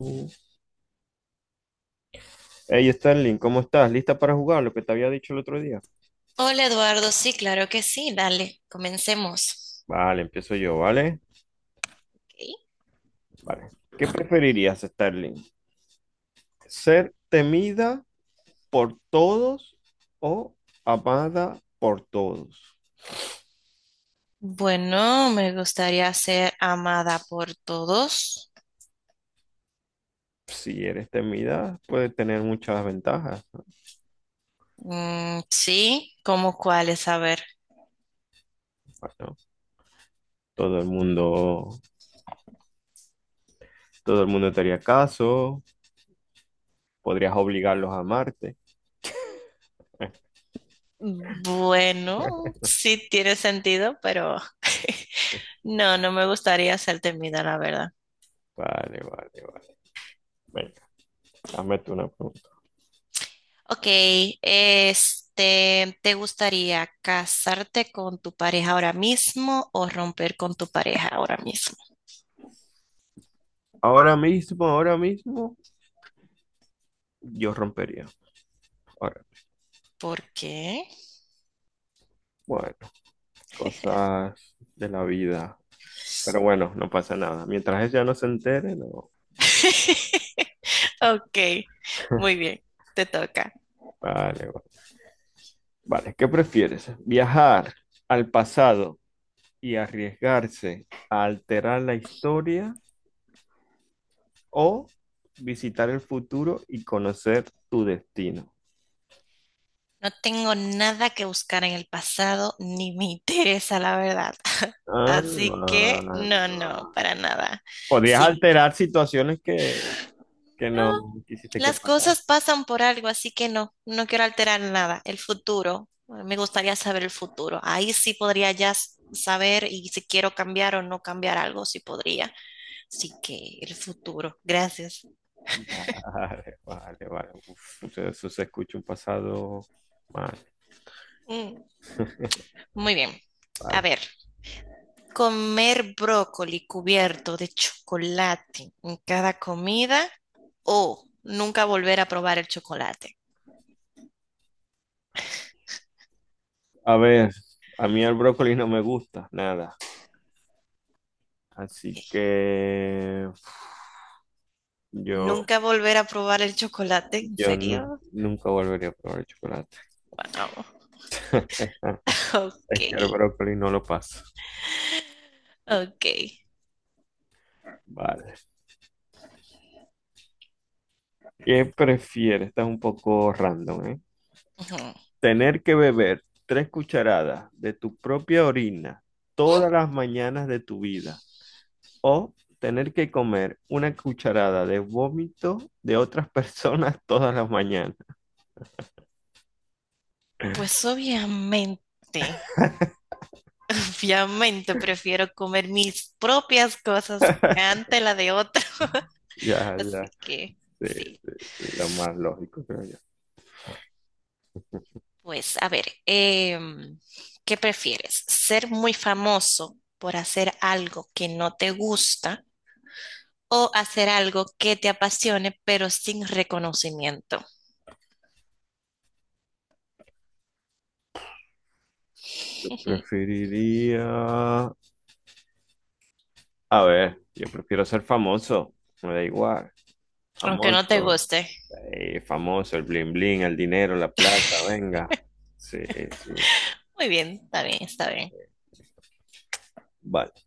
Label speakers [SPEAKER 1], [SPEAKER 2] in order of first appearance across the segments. [SPEAKER 1] Mm. Hey Sterling, ¿cómo estás? ¿Lista para jugar lo que te había dicho el otro día?
[SPEAKER 2] Hola Eduardo, sí, claro que sí, dale, comencemos.
[SPEAKER 1] Vale, empiezo yo, ¿vale?
[SPEAKER 2] Ok.
[SPEAKER 1] Vale. ¿Qué preferirías, Sterling? ¿Ser temida por todos o amada por todos?
[SPEAKER 2] Bueno, me gustaría ser amada por todos.
[SPEAKER 1] Si eres temida, puede tener muchas ventajas.
[SPEAKER 2] Mm, sí, ¿cómo cuáles? A ver.
[SPEAKER 1] Bueno, todo el mundo, todo el mundo te haría caso, podrías obligarlos a amarte.
[SPEAKER 2] Bueno, sí tiene sentido, pero no, no me gustaría ser temida, la verdad.
[SPEAKER 1] Vale, vale, vale. Venga, hazme tú una pregunta.
[SPEAKER 2] Ok, este, ¿te gustaría casarte con tu pareja ahora mismo o romper con tu pareja ahora mismo?
[SPEAKER 1] Ahora mismo, yo rompería. Ahora.
[SPEAKER 2] ¿Por qué?
[SPEAKER 1] Bueno, cosas de la vida. Pero bueno, no pasa nada. Mientras ella no se entere, no.
[SPEAKER 2] Ok, muy bien, te toca.
[SPEAKER 1] Vale, vale. Vale, ¿qué prefieres? ¿Viajar al pasado y arriesgarse a alterar la historia o visitar el futuro y conocer tu destino?
[SPEAKER 2] No tengo nada que buscar en el pasado ni me interesa, la verdad.
[SPEAKER 1] Ah,
[SPEAKER 2] Así que no, no,
[SPEAKER 1] bueno.
[SPEAKER 2] para nada.
[SPEAKER 1] Podrías
[SPEAKER 2] Sí,
[SPEAKER 1] alterar situaciones que
[SPEAKER 2] no,
[SPEAKER 1] no quisiste que
[SPEAKER 2] las
[SPEAKER 1] pasara.
[SPEAKER 2] cosas pasan por algo, así que no, no quiero alterar nada. El futuro, me gustaría saber el futuro. Ahí sí podría ya saber y si quiero cambiar o no cambiar algo, sí podría. Así que el futuro, gracias.
[SPEAKER 1] Vale, vale, vale. Uf, eso se escucha un pasado mal.
[SPEAKER 2] Mm, muy bien. A
[SPEAKER 1] Vale.
[SPEAKER 2] ver. Comer brócoli cubierto de chocolate en cada comida o nunca volver a probar el chocolate.
[SPEAKER 1] A ver, a mí el brócoli no me gusta nada, así
[SPEAKER 2] Ok.
[SPEAKER 1] que uf, yo,
[SPEAKER 2] Nunca volver a probar el chocolate, ¿en serio?
[SPEAKER 1] nunca volvería a probar el chocolate.
[SPEAKER 2] Wow. Ok,
[SPEAKER 1] Es que el brócoli no lo paso.
[SPEAKER 2] ok.
[SPEAKER 1] Vale. ¿Qué prefieres? Esta un poco random, ¿eh?
[SPEAKER 2] Ujú.
[SPEAKER 1] Tener que beber tres cucharadas de tu propia orina todas las mañanas de tu vida o tener que comer una cucharada de vómito de otras personas todas las mañanas.
[SPEAKER 2] Pues obviamente, obviamente prefiero comer mis propias cosas ante la de otro.
[SPEAKER 1] Ya,
[SPEAKER 2] Así
[SPEAKER 1] ya.
[SPEAKER 2] que
[SPEAKER 1] Sí,
[SPEAKER 2] sí.
[SPEAKER 1] sí, sí, lo más lógico, creo yo.
[SPEAKER 2] Pues, a ver, ¿qué prefieres? ¿Ser muy famoso por hacer algo que no te gusta o hacer algo que te apasione pero sin reconocimiento?
[SPEAKER 1] Yo preferiría... A ver, yo prefiero ser famoso. Me da igual.
[SPEAKER 2] Aunque no te
[SPEAKER 1] Famoso.
[SPEAKER 2] guste.
[SPEAKER 1] Famoso, el bling bling, el dinero, la plata, venga. Sí, sí.
[SPEAKER 2] Muy bien, está bien, está bien.
[SPEAKER 1] Vale.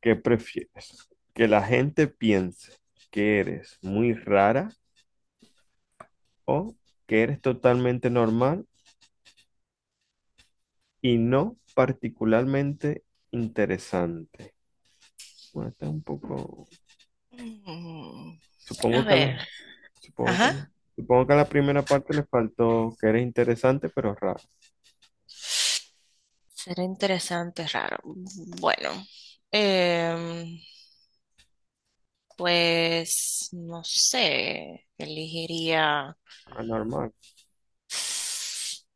[SPEAKER 1] ¿Qué prefieres? ¿Que la gente piense que eres muy rara o que eres totalmente normal y no particularmente interesante? Bueno, está un poco.
[SPEAKER 2] Mm, a
[SPEAKER 1] Supongo que a la,
[SPEAKER 2] ver,
[SPEAKER 1] supongo que a la-
[SPEAKER 2] ajá.
[SPEAKER 1] Supongo que a la primera parte le faltó que eres interesante, pero raro.
[SPEAKER 2] Será interesante, raro. Bueno, em, pues no sé, elegiría
[SPEAKER 1] Anormal.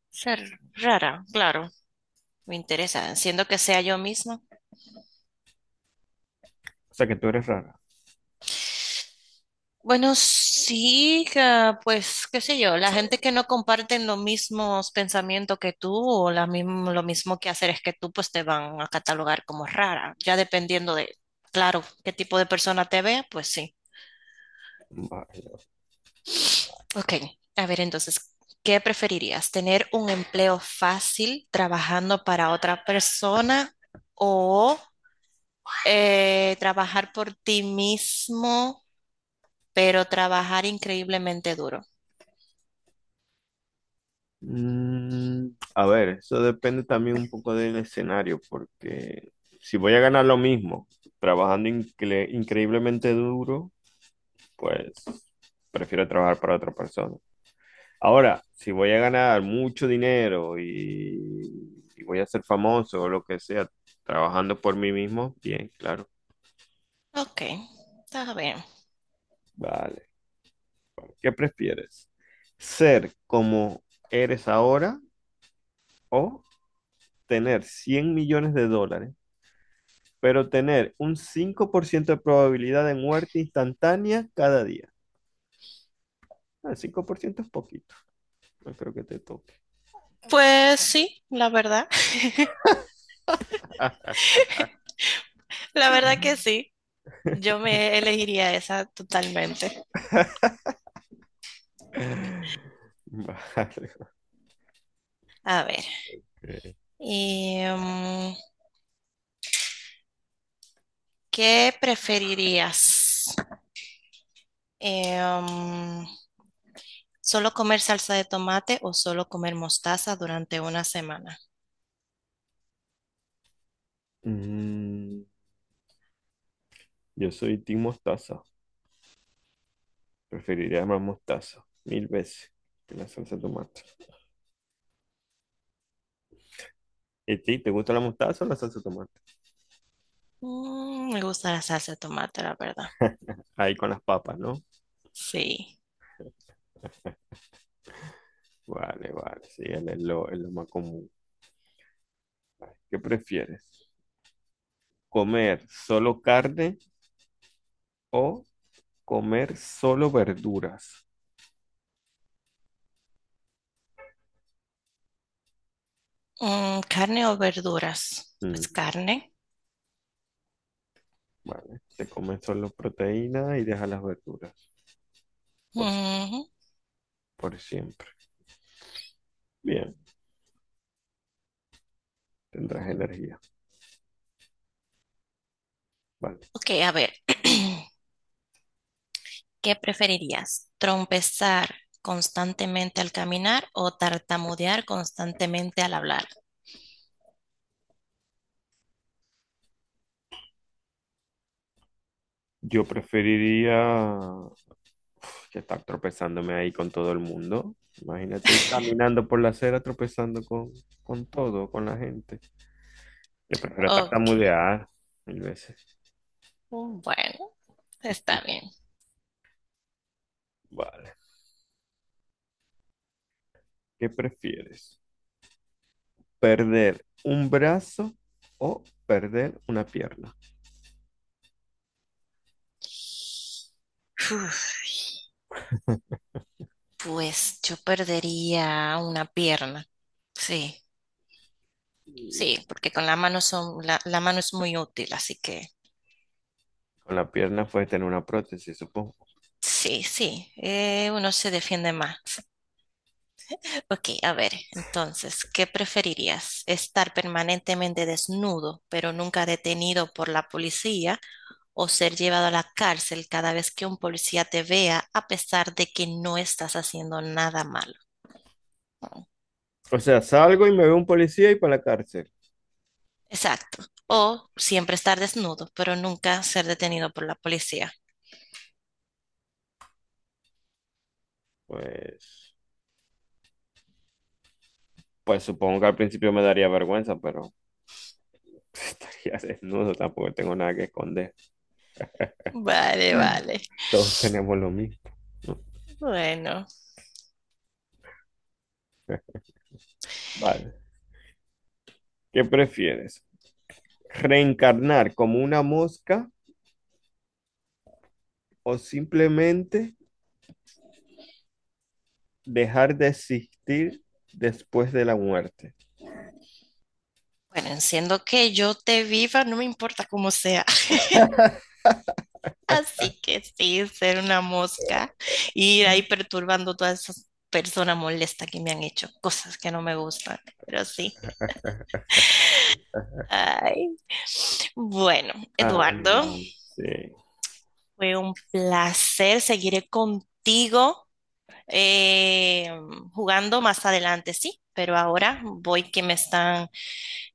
[SPEAKER 2] ser rara, claro. Me interesa, siendo que sea yo misma.
[SPEAKER 1] O sea que tú eres rara.
[SPEAKER 2] Bueno, sí, pues qué sé yo, la gente que no comparten los mismos pensamientos que tú o la mismo, lo mismo que hacer es que tú, pues te van a catalogar como rara, ya dependiendo de, claro, qué tipo de persona te vea, pues sí.
[SPEAKER 1] Vale.
[SPEAKER 2] Ok, a ver entonces, ¿qué preferirías? ¿Tener un empleo fácil trabajando para otra persona o trabajar por ti mismo, pero trabajar increíblemente duro?
[SPEAKER 1] Mm, a ver, eso depende también un poco del escenario, porque si voy a ganar lo mismo trabajando increíblemente duro, pues prefiero trabajar para otra persona. Ahora, si voy a ganar mucho dinero y voy a ser famoso o lo que sea, trabajando por mí mismo, bien, claro.
[SPEAKER 2] Ok, está bien.
[SPEAKER 1] Vale, vale. ¿Qué prefieres? ¿Ser como eres ahora o tener 100 millones de dólares, pero tener un 5% de probabilidad de muerte instantánea cada día? El 5% es poquito, no creo que te toque.
[SPEAKER 2] Pues sí, la verdad, la verdad que sí. Yo me elegiría esa totalmente.
[SPEAKER 1] Vale.
[SPEAKER 2] A ver,
[SPEAKER 1] Ok.
[SPEAKER 2] em, ¿qué preferirías? Em, ¿Solo comer salsa de tomate o solo comer mostaza durante una semana?
[SPEAKER 1] Mm, yo soy Team Mostaza. Preferiría más mostaza, mil veces, que la salsa de tomate. ¿Y ti, te gusta la mostaza o la salsa de tomate?
[SPEAKER 2] Me gusta la salsa de tomate, la verdad.
[SPEAKER 1] Ahí con las papas, ¿no?
[SPEAKER 2] Sí.
[SPEAKER 1] Vale, vale, sí, es lo más común. ¿Qué prefieres? ¿Comer solo carne o comer solo verduras?
[SPEAKER 2] ¿Carne o verduras?
[SPEAKER 1] Mm,
[SPEAKER 2] Pues carne.
[SPEAKER 1] vale, te comes solo proteína y dejas las verduras por, si-
[SPEAKER 2] Ujú.
[SPEAKER 1] por siempre. Bien, tendrás energía. Vale.
[SPEAKER 2] Ok, a ver, ¿qué preferirías? ¿Trompezar constantemente al caminar o tartamudear constantemente al hablar?
[SPEAKER 1] Yo preferiría que estar tropezándome ahí con todo el mundo. Imagínate ir caminando por la acera tropezando con todo, con la gente. Yo prefiero
[SPEAKER 2] Ok,
[SPEAKER 1] tartamudear mil veces.
[SPEAKER 2] bueno, está bien.
[SPEAKER 1] Vale. ¿Qué prefieres? ¿Perder un brazo o perder una pierna?
[SPEAKER 2] Uf, pues yo perdería una pierna. Sí, sí, porque con la mano son, la mano es muy útil, así que
[SPEAKER 1] Con la pierna puedes tener una prótesis, supongo.
[SPEAKER 2] sí, sí, uno se defiende más. Ok, a ver, entonces, ¿qué preferirías? ¿Estar permanentemente desnudo, pero nunca detenido por la policía, o ser llevado a la cárcel cada vez que un policía te vea, a pesar de que no estás haciendo nada malo?
[SPEAKER 1] O sea, salgo y me veo un policía y para la cárcel.
[SPEAKER 2] Exacto. O siempre estar desnudo, pero nunca ser detenido por la policía.
[SPEAKER 1] Pues, pues supongo que al principio me daría vergüenza, pero estaría desnudo, tampoco tengo nada que esconder.
[SPEAKER 2] Vale, vale.
[SPEAKER 1] Todos tenemos lo mismo. No.
[SPEAKER 2] Bueno,
[SPEAKER 1] Vale. ¿Qué prefieres? ¿Reencarnar como una mosca o simplemente dejar de existir después de la muerte?
[SPEAKER 2] bueno, siendo que yo te viva, no me importa cómo sea. Así que sí, ser una mosca, ir ahí perturbando todas esas personas molestas que me han hecho cosas que no me gustan, pero sí. Ay, bueno,
[SPEAKER 1] Ah,
[SPEAKER 2] Eduardo,
[SPEAKER 1] no. Sí.
[SPEAKER 2] fue un placer. Seguiré contigo eh, jugando más adelante, sí, pero ahora voy que me están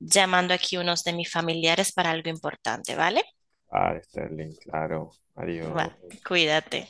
[SPEAKER 2] llamando aquí unos de mis familiares para algo importante, ¿vale?
[SPEAKER 1] Ah, Sterling, claro.
[SPEAKER 2] Va,
[SPEAKER 1] Adiós.
[SPEAKER 2] cuídate.